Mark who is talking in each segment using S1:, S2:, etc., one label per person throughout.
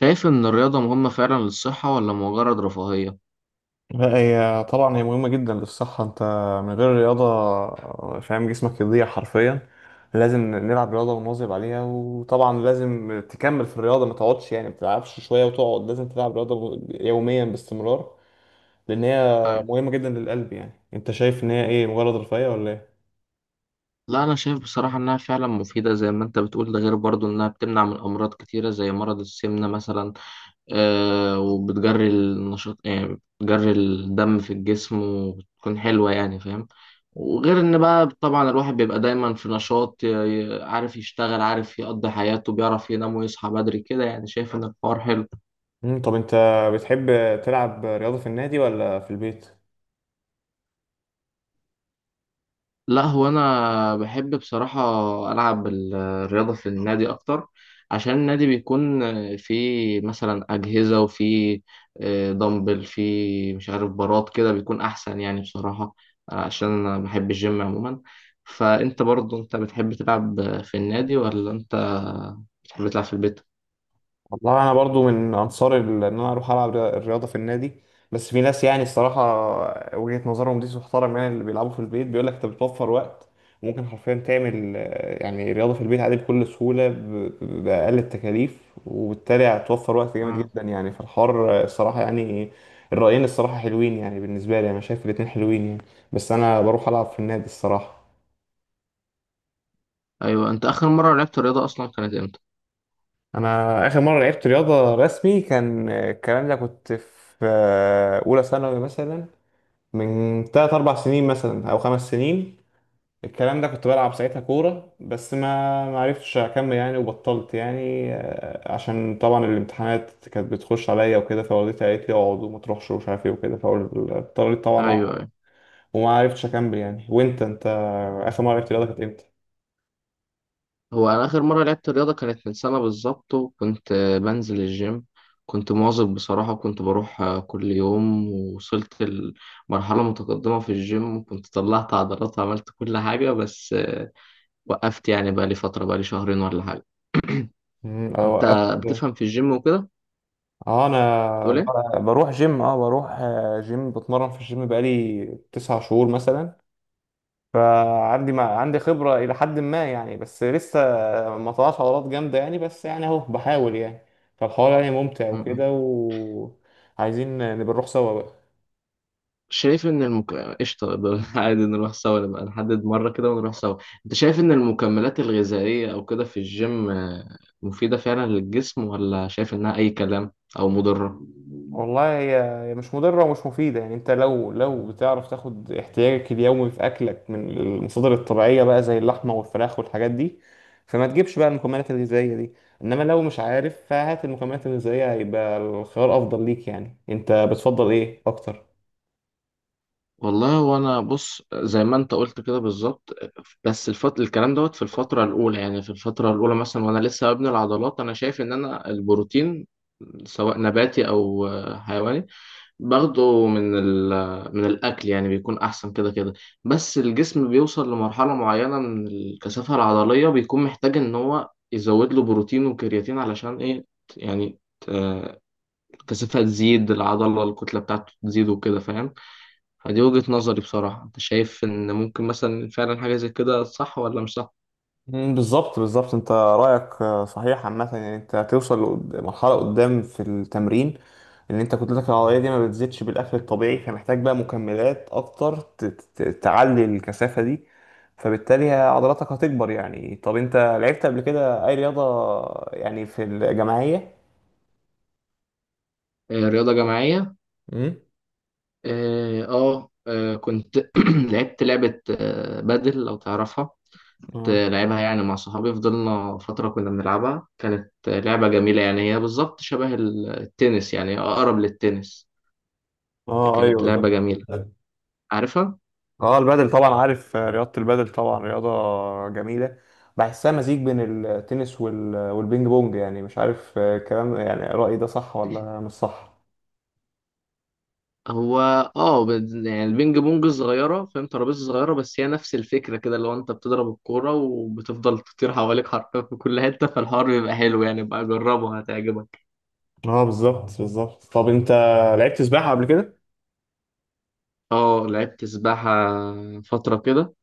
S1: شايف إن الرياضة مهمة فعلا للصحة ولا مجرد رفاهية؟
S2: لا، هي طبعا هي مهمة جدا للصحة. انت من غير رياضة فاهم جسمك يضيع حرفيا. لازم نلعب رياضة ونواظب عليها، وطبعا لازم تكمل في الرياضة ما تقعدش، يعني ما تلعبش شوية وتقعد، لازم تلعب رياضة يوميا باستمرار لأن هي
S1: طيب.
S2: مهمة جدا للقلب. يعني انت شايف ان هي ايه، مجرد رفاهية ولا ايه؟
S1: لا، أنا شايف بصراحة إنها فعلا مفيدة زي ما أنت بتقول، ده غير برضو إنها بتمنع من أمراض كتيرة زي مرض السمنة مثلا. وبتجري النشاط، يعني بتجري الدم في الجسم وبتكون حلوة، يعني فاهم؟ وغير إن بقى طبعا الواحد بيبقى دايما في نشاط، عارف يشتغل، عارف يقضي حياته، بيعرف ينام ويصحى بدري كده، يعني شايف إن الحوار حلو.
S2: طب انت بتحب تلعب رياضة في النادي ولا في البيت؟
S1: لا، هو انا بحب بصراحه العب الرياضه في النادي اكتر، عشان النادي بيكون فيه مثلا اجهزه، وفيه دمبل، فيه مش عارف براد كده بيكون احسن يعني بصراحه، عشان انا بحب الجيم عموما. فانت برضو انت بتحب تلعب في النادي ولا انت بتحب تلعب في البيت؟
S2: والله انا برضو من انصار ان انا اروح العب الرياضه في النادي. بس في ناس، يعني الصراحه وجهه نظرهم دي تحترم، يعني اللي بيلعبوا في البيت بيقول لك انت بتوفر وقت. وممكن حرفيا تعمل يعني رياضه في البيت عادي بكل سهوله باقل التكاليف. وبالتالي هتوفر وقت جامد
S1: مم.
S2: جدا، يعني في الحوار الصراحه يعني. الرايين الصراحه حلوين يعني، بالنسبه لي انا شايف الاتنين حلوين يعني، بس انا بروح العب في النادي الصراحه.
S1: ايوه، انت اخر مره لعبت رياضه اصلا كانت امتى؟
S2: انا اخر مره لعبت رياضه رسمي كان الكلام ده كنت في اولى ثانوي مثلا، من 3 4 سنين مثلا او خمس سنين. الكلام ده كنت بلعب ساعتها كوره، بس ما عرفتش اكمل يعني وبطلت يعني، عشان طبعا الامتحانات كانت بتخش عليا وكده، فوالدتي قالت لي اقعد وما تروحش ومش عارف ايه وكده، فاضطريت طبعا
S1: ايوه
S2: اقعد.
S1: أيوة.
S2: وما عرفتش اكمل يعني. وانت اخر مره لعبت رياضه كانت امتى؟
S1: هو أنا آخر مرة لعبت رياضة كانت من سنة بالظبط، وكنت بنزل الجيم. كنت مواظب بصراحة، وكنت بروح كل يوم، ووصلت لمرحلة متقدمة في الجيم، وكنت طلعت عضلات وعملت كل حاجة. بس وقفت يعني، بقالي فترة، بقالي شهرين ولا حاجة.
S2: أنا
S1: أنت
S2: وقفت.
S1: بتفهم في الجيم وكده؟
S2: اه انا
S1: بتقول إيه؟
S2: بروح جيم، بروح جيم، بتمرن في الجيم بقالي تسع شهور مثلا. فعندي، ما عندي خبرة إلى حد ما يعني، بس لسه ما طلعش عضلات جامدة يعني، بس يعني أهو بحاول يعني. فالحوار يعني ممتع
S1: م- م.
S2: وكده، وعايزين نبقى نروح سوا بقى.
S1: شايف ان المك... قشطة، ده عادي، نروح سوا، نبقى نحدد مرة كده ونروح سوا. انت شايف ان المكملات الغذائية او كده في الجيم مفيدة فعلا للجسم ولا شايف انها اي كلام او مضرة؟
S2: والله، هي مش مضرة ومش مفيدة، يعني انت لو بتعرف تاخد احتياجك اليومي في اكلك من المصادر الطبيعية بقى، زي اللحمة والفراخ والحاجات دي، فما تجيبش بقى المكملات الغذائية دي. انما لو مش عارف فهات المكملات الغذائية، هيبقى الخيار افضل ليك. يعني انت بتفضل ايه اكتر؟
S1: والله وانا بص زي ما انت قلت كده بالظبط، بس الكلام دوت في الفترة الاولى، يعني في الفترة الاولى مثلا وانا لسه ببني العضلات، انا شايف ان انا البروتين سواء نباتي او حيواني باخده من الأكل، يعني بيكون أحسن كده كده. بس الجسم بيوصل لمرحلة معينة من الكثافة العضلية، بيكون محتاج إن هو يزود له بروتين وكرياتين، علشان إيه يعني، آه، الكثافة تزيد، العضلة الكتلة بتاعته تزيد وكده فاهم. فدي وجهة نظري بصراحة. أنت شايف إن ممكن مثلا فعلا حاجة زي كده صح ولا مش صح؟
S2: مم، بالظبط بالظبط. انت رايك صحيح عامه، يعني انت هتوصل مرحله قدام في التمرين، ان انت كتلتك العضليه دي ما بتزيدش بالاكل الطبيعي، فمحتاج بقى مكملات اكتر تعلي الكثافه دي. فبالتالي عضلاتك هتكبر يعني. طب انت لعبت قبل كده اي رياضه، يعني في الجماعيه؟
S1: آه، رياضة جماعية.
S2: امم،
S1: كنت لعبت لعبة بادل، لو تعرفها.
S2: اه
S1: لعبها يعني مع صحابي، فضلنا فترة كنا بنلعبها، كانت لعبة جميلة، يعني هي بالظبط شبه التنس، يعني أقرب للتنس.
S2: اه
S1: كانت
S2: ايوه ده.
S1: لعبة جميلة، عارفها؟
S2: اه، البادل طبعا عارف، رياضة البادل طبعا رياضة جميلة. بحسها مزيج بين التنس والبينج بونج، يعني مش عارف الكلام. يعني رأيي ده صح ولا مش صح؟
S1: هو يعني البينج بونج صغيرة فاهم، ترابيزة صغيرة، بس هي نفس الفكرة كده، اللي هو انت بتضرب الكورة وبتفضل تطير حواليك حرفيا في كل حتة، فالحوار بيبقى حلو، يعني بقى جربه هتعجبك.
S2: اه بالظبط بالظبط. طب انت لعبت سباحة قبل كده؟
S1: اه لعبت سباحة فترة كده،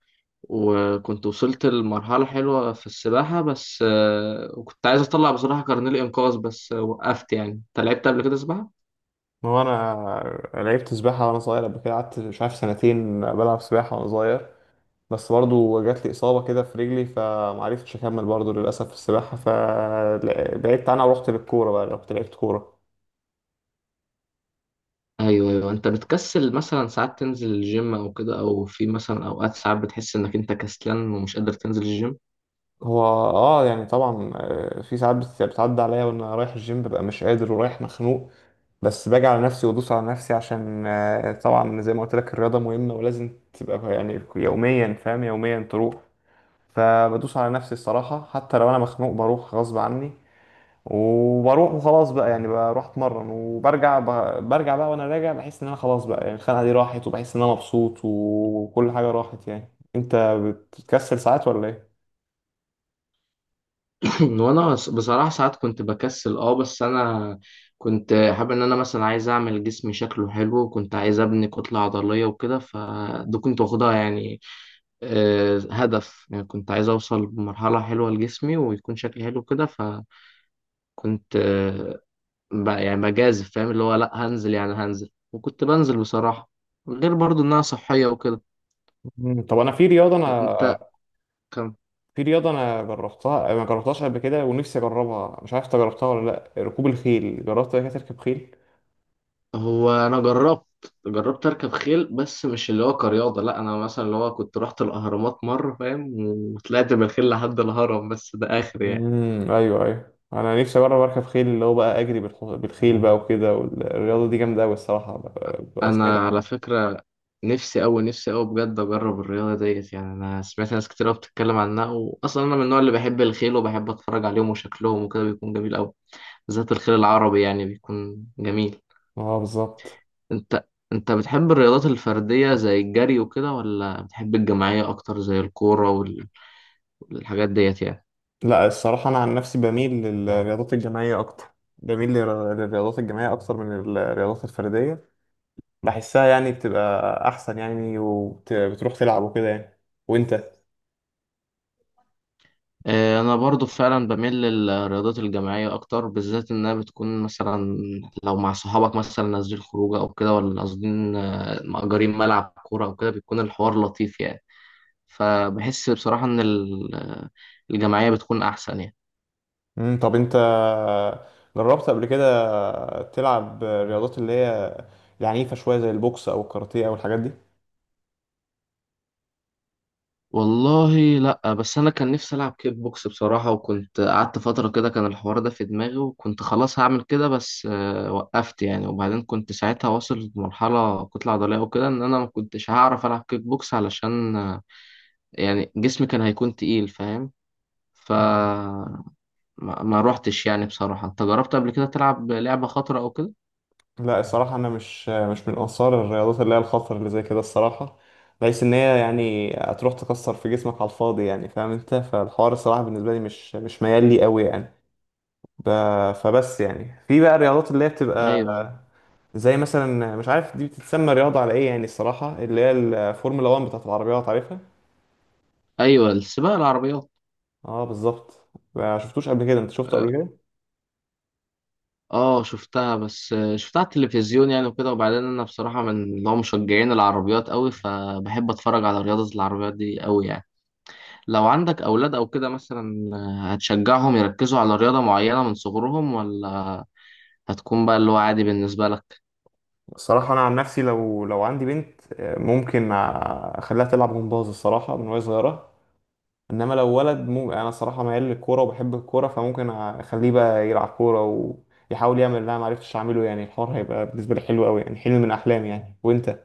S1: وكنت وصلت لمرحلة حلوة في السباحة، بس وكنت عايز أطلع بصراحة كارنيه الإنقاذ، بس وقفت يعني. أنت لعبت قبل كده سباحة؟
S2: ما هو انا لعبت سباحة وانا صغير قبل كده، قعدت مش عارف سنتين بلعب سباحة وانا صغير، بس برضو جات لي إصابة كده في رجلي فمعرفتش أكمل برضو للأسف في السباحة، فبعدت عنها ورحت للكورة بقى، رحت لعبت كورة.
S1: أيوه أيوه، أنت بتكسل مثلا ساعات تنزل الجيم أو كده، أو في مثلا أوقات ساعات بتحس إنك أنت كسلان ومش قادر تنزل الجيم؟
S2: هو، يعني طبعا في ساعات بتعدي عليا وانا رايح الجيم ببقى مش قادر ورايح مخنوق. بس باجي على نفسي وادوس على نفسي، عشان طبعا زي ما قلت لك الرياضه مهمه ولازم تبقى يعني يوميا، فاهم، يوميا تروح. فبدوس على نفسي الصراحه حتى لو انا مخنوق بروح غصب عني. وبروح وخلاص بقى، يعني بروح اتمرن وبرجع برجع بقى. وانا راجع بحس ان انا خلاص بقى، يعني الخناقه دي راحت، وبحس ان انا مبسوط وكل حاجه راحت يعني. انت بتكسل ساعات ولا ايه؟
S1: وانا بصراحة ساعات كنت بكسل، بس انا كنت حابب ان انا مثلا عايز اعمل جسمي شكله حلو، وكنت عايز ابني كتلة عضلية وكده، فده كنت واخدها يعني هدف، يعني كنت عايز اوصل بمرحلة حلوة لجسمي ويكون شكلي حلو كده، فكنت آه، يعني بجازف فاهم، اللي هو لا هنزل، يعني هنزل، وكنت بنزل بصراحة، غير برضو انها صحية وكده.
S2: طب انا في رياضه انا
S1: انت
S2: في رياضة أنا جربتها ما جربتهاش قبل كده، ونفسي أجربها، مش عارف أنت جربتها ولا لأ. ركوب الخيل، جربت قبل كده تركب خيل؟
S1: هو انا جربت، اركب خيل، بس مش اللي هو كرياضه. لا انا مثلا اللي هو كنت رحت الاهرامات مره فاهم، وطلعت بالخيل لحد الهرم، بس ده اخر يعني.
S2: امم، أيوه أيوه، أنا نفسي أجرب أركب خيل، اللي هو بقى أجري بالخيل بقى وكده، والرياضة دي جامدة أوي الصراحة، سمعت
S1: انا
S2: عنها.
S1: على فكره، نفسي أوي نفسي أوي بجد اجرب الرياضه ديت، يعني انا سمعت ناس كتير أوي بتتكلم عنها، واصلا انا من النوع اللي بحب الخيل، وبحب اتفرج عليهم وشكلهم وكده بيكون جميل أوي، بالذات الخيل العربي يعني بيكون جميل.
S2: أه بالظبط.
S1: انت انت بتحب الرياضات الفرديه زي الجري وكده، ولا بتحب الجماعيه اكتر زي الكوره والحاجات ديت يعني؟
S2: لا الصراحة، أنا عن نفسي بميل للرياضات الجماعية أكتر، بميل للرياضات الجماعية أكتر من الرياضات الفردية. بحسها يعني بتبقى أحسن يعني، وبتروح تلعب وكده يعني. وأنت؟
S1: انا برضو فعلا بميل للرياضات الجماعيه اكتر، بالذات انها بتكون مثلا لو مع صحابك مثلا نازلين خروجه او كده، ولا قاصدين مأجرين ملعب كوره او كده بيكون الحوار لطيف يعني. فبحس بصراحه ان الجماعيه بتكون احسن يعني.
S2: طب انت جربت قبل كده تلعب رياضات اللي هي العنيفة شوية، زي البوكس او الكاراتيه او الحاجات دي.
S1: والله لا، بس انا كان نفسي العب كيك بوكس بصراحه، وكنت قعدت فتره كده كان الحوار ده في دماغي، وكنت خلاص هعمل كده، بس وقفت يعني. وبعدين كنت ساعتها واصل لمرحله كتله عضليه وكده، ان انا ما كنتش هعرف العب كيك بوكس علشان يعني جسمي كان هيكون تقيل فاهم. ف
S2: مم.
S1: ما روحتش يعني بصراحه. انت جربت قبل كده تلعب لعبه خطره او كده؟
S2: لا الصراحة انا مش من انصار الرياضات اللي هي الخطر اللي زي كده الصراحة، بحيث ان هي يعني هتروح تكسر في جسمك على الفاضي، يعني فاهم انت، فالحوار الصراحة بالنسبة لي مش ميال لي قوي يعني. ب... فبس يعني في بقى الرياضات اللي هي بتبقى،
S1: ايوه
S2: زي مثلا، مش عارف دي بتتسمى رياضة على ايه يعني، الصراحة اللي هي الفورمولا 1 بتاعت العربيات، عارفها؟
S1: ايوه، السباق العربيات.
S2: اه بالظبط. ما شفتوش قبل كده؟ انت شفته قبل كده؟
S1: اه شفتها، بس شفتها على التلفزيون يعني وكده، وبعدين انا بصراحه من اللي هو مشجعين العربيات قوي، فبحب اتفرج على رياضه العربيات دي قوي يعني. لو عندك اولاد او كده مثلا هتشجعهم يركزوا على رياضه معينه من صغرهم، ولا هتكون بقى اللي هو عادي بالنسبه لك؟
S2: الصراحه انا عن نفسي لو عندي بنت، ممكن اخليها تلعب جمباز الصراحه من وهي صغيره. انما لو ولد انا صراحه ميال للكوره وبحب الكوره، فممكن اخليه بقى يلعب كوره، ويحاول يعمل اللي انا ما عرفتش اعمله. يعني الحوار هيبقى بالنسبه لي حلو قوي يعني، حلم من احلامي يعني. وانت؟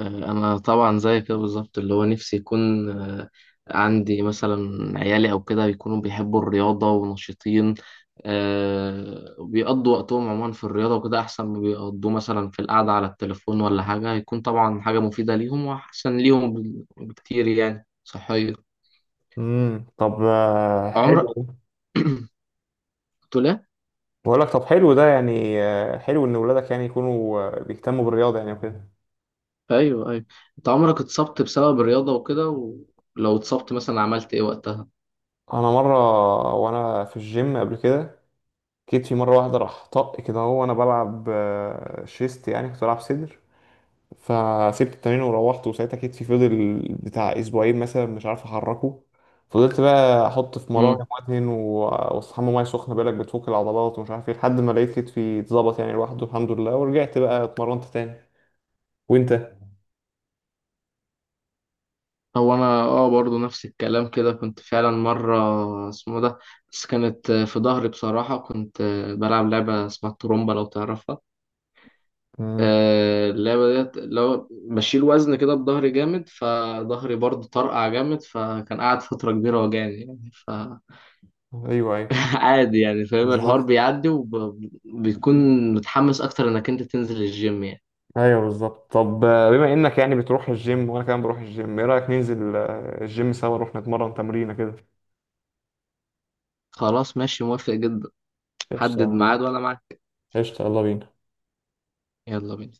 S1: انا طبعا زي كده بالظبط، اللي هو نفسي يكون عندي مثلا عيالي او كده يكونوا بيحبوا الرياضه ونشيطين، بيقضوا وقتهم عموما في الرياضه وكده احسن ما بيقضوا مثلا في القعده على التليفون ولا حاجه، هيكون طبعا حاجه مفيده ليهم واحسن ليهم بكتير، يعني صحيه.
S2: امم، طب
S1: عمرك
S2: حلو.
S1: قلت له،
S2: بقول لك طب حلو ده، يعني حلو ان ولادك يعني يكونوا بيهتموا بالرياضه يعني وكده.
S1: ايوه ايوه، انت عمرك اتصبت بسبب الرياضه وكده، ولو اتصبت مثلا عملت ايه وقتها؟
S2: انا مره وانا في الجيم قبل كده، جيت في مرة واحدة راح طق كده، هو وأنا بلعب شيست، يعني كنت بلعب صدر. فسبت التمرين وروحت، وساعتها كتفي فضل بتاع أسبوعين مثلا مش عارف أحركه. فضلت بقى أحط في مراهم وأدهن وأستحمى مية سخنة، بالك بتفك العضلات ومش عارف إيه، لحد ما لقيت كتفي اتظبط يعني لوحده الحمد لله، ورجعت بقى اتمرنت تاني. وأنت؟
S1: هو انا برضو نفس الكلام كده، كنت فعلا مره اسمه ده، بس كانت في ظهري بصراحه، كنت بلعب لعبه اسمها الترومبا لو تعرفها.
S2: امم،
S1: اللعبه ديت لو بشيل وزن كده بظهري جامد، فظهري برضو طرقع جامد، فكان قاعد فتره كبيره وجعني يعني.
S2: أيوه أيوه
S1: عادي يعني فاهم، الحوار
S2: بالظبط،
S1: بيعدي وبيكون متحمس اكتر انك انت تنزل الجيم يعني.
S2: أيوه بالظبط. طب بما إنك يعني بتروح الجيم وأنا كمان بروح الجيم، إيه رأيك ننزل الجيم سوا، نروح نتمرن تمرينة كده؟
S1: خلاص ماشي، موافق جدا، حدد
S2: قشطة،
S1: ميعاد وانا معاك.
S2: قشطة، يلا بينا.
S1: يلا بينا.